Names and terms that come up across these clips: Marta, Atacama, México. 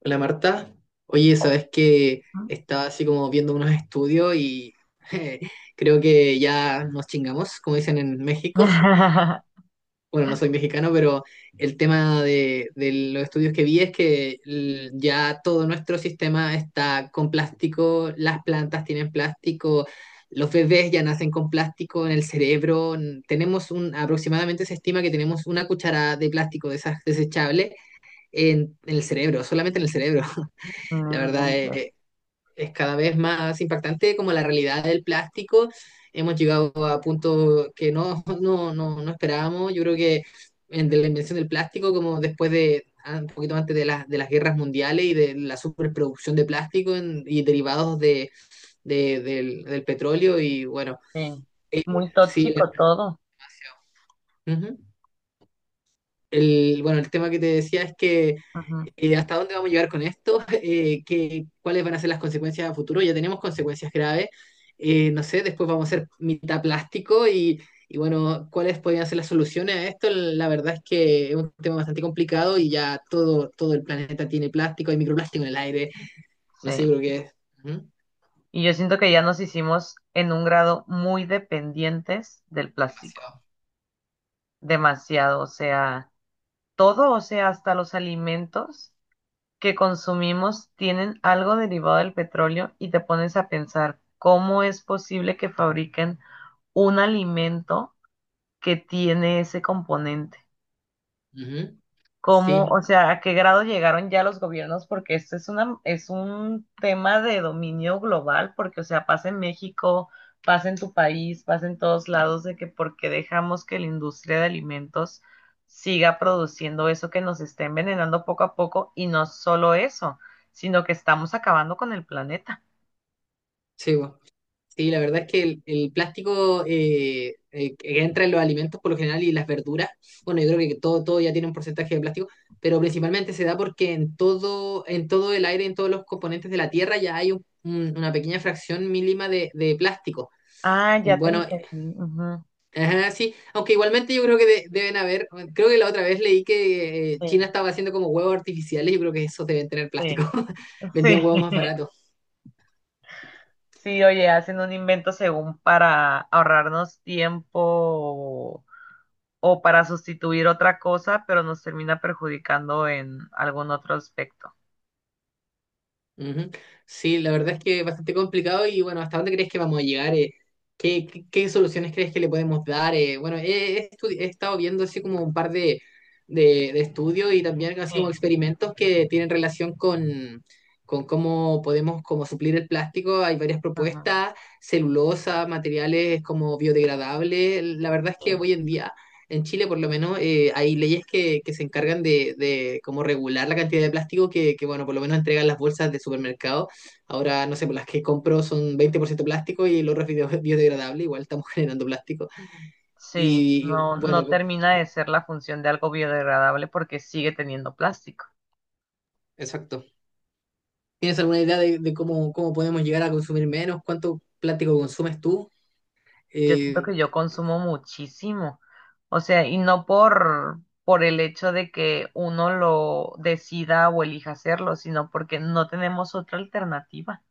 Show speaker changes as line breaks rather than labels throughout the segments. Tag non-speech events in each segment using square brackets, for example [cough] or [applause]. Hola Marta, oye, sabes que
[laughs]
estaba así como viendo unos estudios y [laughs] eh, creo que ya nos chingamos, como dicen en México. [laughs]
No
Bueno, no soy mexicano, pero el tema de los estudios que vi es que ya todo nuestro sistema está con plástico, las plantas tienen plástico, los bebés ya nacen con plástico en el cerebro. Tenemos aproximadamente se estima que tenemos una cucharada de plástico de esas desechables en el cerebro, solamente en el cerebro. [laughs] La verdad
inventes.
es, es cada vez más impactante como la realidad del plástico. Hemos llegado a puntos que no, no, no, no esperábamos. Yo creo que de la invención del plástico, como después de un poquito antes de las guerras mundiales y de la superproducción de plástico y derivados del petróleo y bueno,
Sí. Muy
sí,
tóxico todo.
ujú. El, bueno, el tema que te decía es que
Ujú.
hasta dónde vamos a llegar con esto. [laughs] Cuáles van a ser las consecuencias a futuro. Ya tenemos consecuencias graves. No sé, después vamos a ser mitad plástico y bueno, cuáles podrían ser las soluciones a esto. La verdad es que es un tema bastante complicado y ya todo, todo el planeta tiene plástico, hay microplástico en el aire, no sé, yo
Sí.
creo que es ujú,
Y yo siento que ya nos hicimos en un grado muy dependientes del plástico.
demasiado.
Demasiado. O sea, todo, o sea, hasta los alimentos que consumimos tienen algo derivado del petróleo y te pones a pensar cómo es posible que fabriquen un alimento que tiene ese componente.
Ujú.
Cómo,
Sí,
o sea, a qué grado llegaron ya los gobiernos, porque esto es una, es un tema de dominio global, porque, o sea, pasa en México, pasa en tu país, pasa en todos lados, de que porque dejamos que la industria de alimentos siga produciendo eso que nos está envenenando poco a poco, y no solo eso, sino que estamos acabando con el planeta.
sí. Sí, la verdad es que el plástico que entra en los alimentos por lo general y las verduras, bueno, yo creo que todo ya tiene un porcentaje de plástico, pero principalmente se da porque en todo, el aire, en todos los componentes de la Tierra ya hay una pequeña fracción mínima de plástico.
Ah, ya te
Bueno,
entendí. Ujú.
ajá, sí, aunque igualmente yo creo que deben haber, creo que la otra vez leí que
Sí,
China estaba haciendo como huevos artificiales, yo creo que esos deben tener plástico,
sí,
[laughs] vendían
sí.
huevos más
[laughs]
baratos.
Sí, oye, hacen un invento según para ahorrarnos tiempo o para sustituir otra cosa, pero nos termina perjudicando en algún otro aspecto.
Ujú. Sí, la verdad es que es bastante complicado y bueno, ¿hasta dónde crees que vamos a llegar, eh? Qué soluciones crees que le podemos dar, eh? Bueno, he estado viendo así como un par de, de estudios y también así como
Sí,
experimentos que tienen relación con cómo podemos como suplir el plástico. Hay varias
ujú,
propuestas, celulosa, materiales como biodegradables. La verdad es que
sí.
hoy en día en Chile, por lo menos, hay leyes que se encargan de como regular la cantidad de plástico bueno, por lo menos entregan las bolsas de supermercado. Ahora, no sé, por las que compro son 20% plástico y el otro es biodegradable, igual estamos [laughs] generando plástico.
Sí, no,
Bueno,
no termina de ser la función de algo biodegradable porque sigue teniendo plástico.
exacto. ¿Tienes alguna idea de cómo, cómo podemos llegar a consumir menos? ¿Cuánto plástico consumes tú?
Yo siento
Eh,
que yo consumo muchísimo, o sea, y no por, por el hecho de que uno lo decida o elija hacerlo, sino porque no tenemos otra alternativa.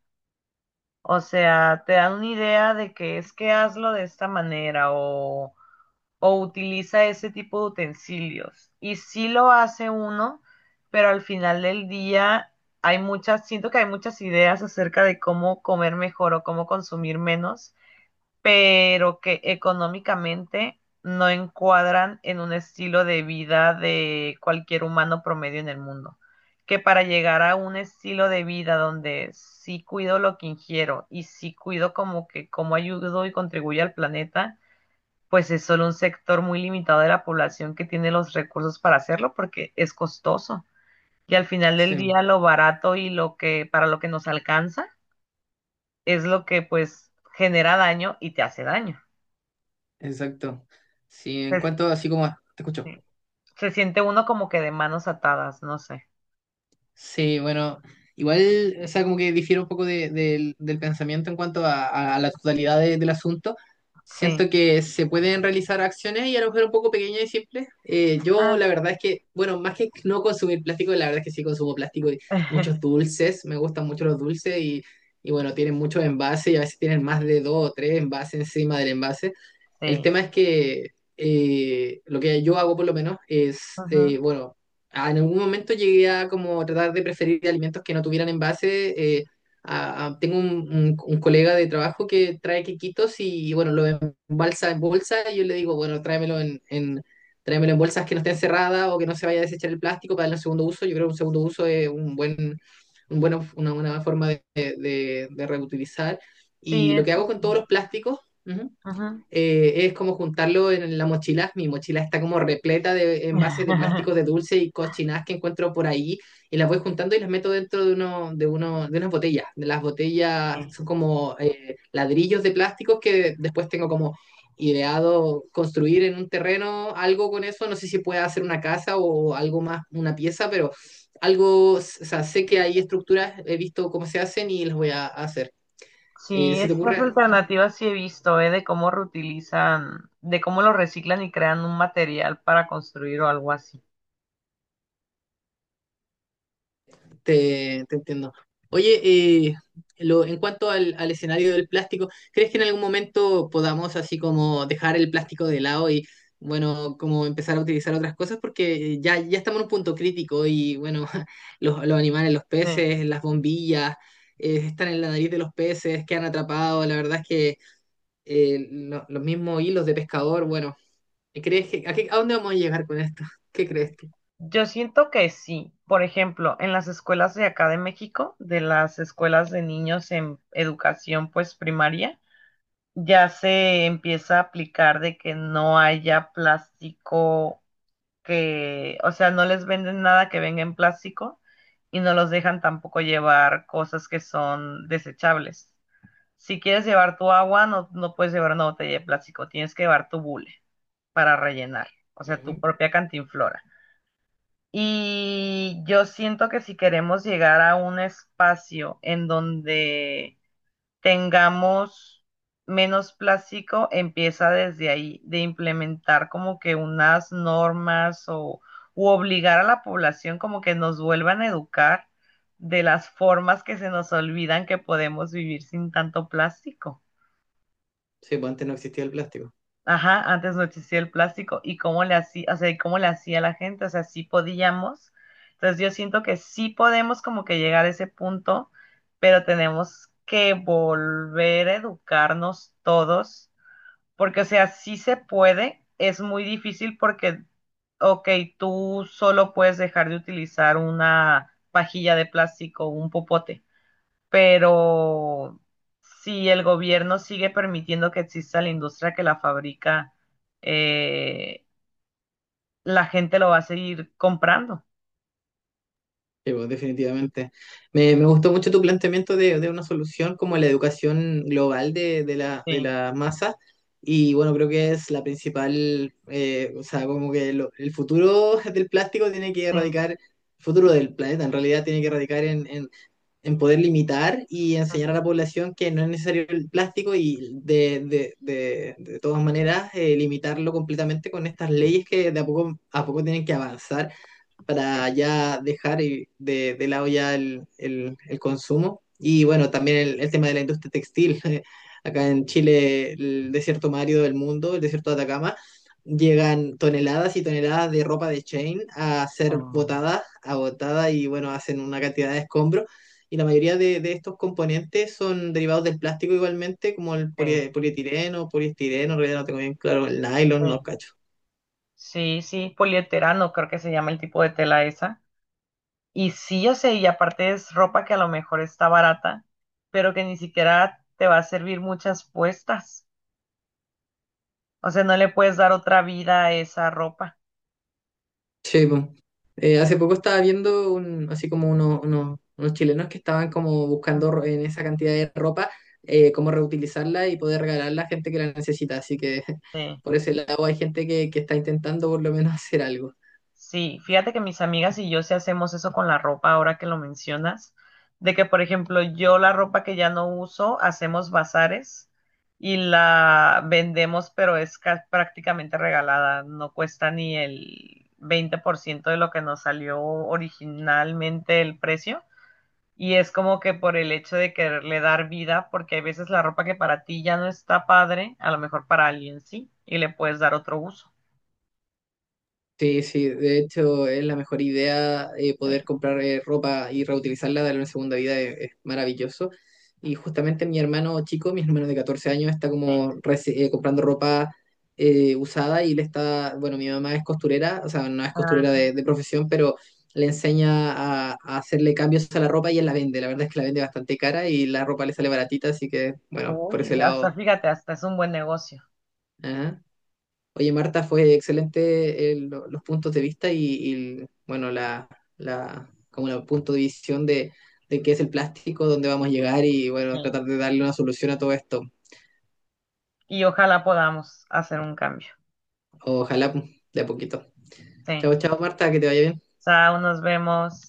O sea, te dan una idea de que es que hazlo de esta manera o utiliza ese tipo de utensilios. Y sí lo hace uno, pero al final del día hay muchas, siento que hay muchas ideas acerca de cómo comer mejor o cómo consumir menos, pero que económicamente no encuadran en un estilo de vida de cualquier humano promedio en el mundo. Que para llegar a un estilo de vida donde sí cuido lo que ingiero y sí cuido como que cómo ayudo y contribuyo al planeta, pues es solo un sector muy limitado de la población que tiene los recursos para hacerlo porque es costoso. Y al final del
sí,
día lo barato y lo que para lo que nos alcanza es lo que pues genera daño y te hace daño.
exacto. Sí, en
Es,
cuanto, así como te escucho.
se siente uno como que de manos atadas, no sé.
Sí, bueno, igual, o sea, como que difiero un poco del pensamiento en cuanto a, la totalidad del asunto.
Sí.
Siento que se pueden realizar acciones y a lo mejor un poco pequeñas y simples. Yo
Ah,
la verdad es que, bueno, más que no consumir plástico, la verdad es que sí consumo plástico y muchos
[laughs]
dulces, me gustan mucho los dulces y bueno, tienen muchos envases y a veces tienen más
sí.
de dos o tres envases encima del envase. El
Sí.
tema es que lo que yo hago por lo menos es,
Ujú.
bueno, en algún momento llegué a como tratar de preferir alimentos que no tuvieran envase. Tengo un, un colega de trabajo que trae quequitos y, bueno, lo embalsa en bolsa y yo le digo, bueno, tráemelo en, tráemelo en bolsas que no estén cerradas o que no se vaya a desechar el plástico para darle un segundo uso. Yo creo que un segundo uso es un buen, una buena forma de, de reutilizar.
Sí,
Y lo que
eso
hago con todos
sí.
los plásticos, ujú,
Ujú.
es como juntarlo en la mochila. Mi mochila está como repleta de envases de plásticos de
[laughs]
dulce y cochinadas que encuentro por ahí y las voy juntando y las meto dentro de unas botellas. De las botellas son como ladrillos de plásticos que después tengo como ideado construir en un terreno algo con eso. No sé si pueda hacer una casa o algo más, una pieza, pero algo, o sea, sé que hay estructuras, he visto cómo se hacen y las voy a hacer.
Sí,
¿Se te
estas
ocurre
alternativas sí he visto, ¿eh? De cómo reutilizan, de cómo lo reciclan y crean un material para construir o algo así.
Te, entiendo. Oye, eh, en cuanto al escenario del plástico, ¿crees que en algún momento podamos así como dejar el plástico de lado y, bueno, como empezar a utilizar otras cosas? Porque ya estamos en un punto crítico y, bueno, [laughs] los animales, los
Sí.
peces, las bombillas, están en la nariz de los peces, quedan atrapados. La verdad es que los mismos hilos de pescador, bueno, ¿crees que, a dónde vamos a llegar con esto? [laughs] ¿Qué crees tú?
Yo siento que sí. Por ejemplo, en las escuelas de acá de México, de las escuelas de niños en educación pues primaria, ya se empieza a aplicar de que no haya plástico que, o sea, no les venden nada que venga en plástico y no los dejan tampoco llevar cosas que son desechables. Si quieres llevar tu agua, no, no puedes llevar una botella de plástico, tienes que llevar tu bule para rellenar, o sea, tu
Ujú.
propia cantinflora. Y yo siento que si queremos llegar a un espacio en donde tengamos menos plástico, empieza desde ahí, de implementar como que unas normas o u obligar a la población como que nos vuelvan a educar de las formas que se nos olvidan que podemos vivir sin tanto plástico.
Sí, pues antes no existía el plástico.
Ajá, antes no existía el plástico y cómo le hacía, o sea, y cómo le hacía la gente, o sea, sí podíamos. Entonces yo siento que sí podemos como que llegar a ese punto, pero tenemos que volver a educarnos todos, porque o sea, sí se puede, es muy difícil porque, ok, tú solo puedes dejar de utilizar una pajilla de plástico, un popote, pero si el gobierno sigue permitiendo que exista la industria que la fabrica, eh, la gente lo va a seguir comprando.
Sí, pues, definitivamente. Me, gustó mucho tu planteamiento de una solución como la educación global de, de
Sí,
la masa. Y bueno, creo que es la principal, o sea, como que el futuro [laughs] del plástico tiene que
sí,
erradicar, el futuro del planeta en realidad tiene que erradicar en poder limitar y enseñar a
ajá,
la población que no es necesario el plástico y de todas maneras limitarlo completamente con estas leyes que de a poco tienen que avanzar para
sí,
ya dejar de lado ya el, el consumo. Y bueno, también el tema de la industria textil. [laughs] Acá en Chile, el desierto más árido del mundo, el desierto de Atacama, llegan toneladas y toneladas de ropa de chain a ser
ah,
botada, agotada y bueno, hacen una cantidad de escombros. Y la mayoría de estos componentes son derivados del plástico igualmente, como el
sí,
polietileno, poliestireno, en realidad no tengo bien claro, el nylon, no
sí.
cacho.
Sí, sí, polieterano, creo que se llama el tipo de tela esa. Y sí, yo sé, y aparte es ropa que a lo mejor está barata, pero que ni siquiera te va a servir muchas puestas. O sea, no le puedes dar otra vida a esa ropa.
Sí, po. Hace poco estaba viendo un, así como unos chilenos que estaban como buscando
Ujú.
en esa cantidad de ropa cómo reutilizarla y poder regalarla a gente que la necesita. Así que [laughs]
Sí.
por ese lado hay gente que está intentando por lo menos [laughs] hacer algo.
Sí, fíjate que mis amigas y yo sí hacemos eso con la ropa ahora que lo mencionas, de que por ejemplo yo la ropa que ya no uso hacemos bazares y la vendemos, pero es ca- prácticamente regalada, no cuesta ni el 20% de lo que nos salió originalmente el precio. Y es como que por el hecho de quererle dar vida, porque hay veces la ropa que para ti ya no está padre, a lo mejor para alguien sí, y le puedes dar otro uso.
Sí, sí, de hecho es la mejor idea,
Sí,
poder comprar ropa y reutilizarla, darle una segunda vida, es maravilloso. Y justamente mi hermano chico, mi hermano de 14 años, está como
sí.
comprando ropa usada y le está, bueno, mi mamá es costurera, o sea, no es costurera de profesión, pero le enseña a hacerle cambios a la ropa y él la vende. La verdad es que la vende bastante cara y la ropa le sale baratita, así que, bueno, por
Oye,
ese
hasta
lado.
fíjate, hasta es un buen negocio.
Ajá. Oye, Marta, fue excelente los puntos de vista y, bueno, la, como el punto de visión de qué es el plástico, dónde vamos a llegar y bueno,
Sí.
tratar de darle una solución a todo esto.
Y ojalá podamos hacer un cambio.
Ojalá pues, de a poquito.
Sí.
Chao, chao, Marta, que te vaya bien.
Chao, nos vemos.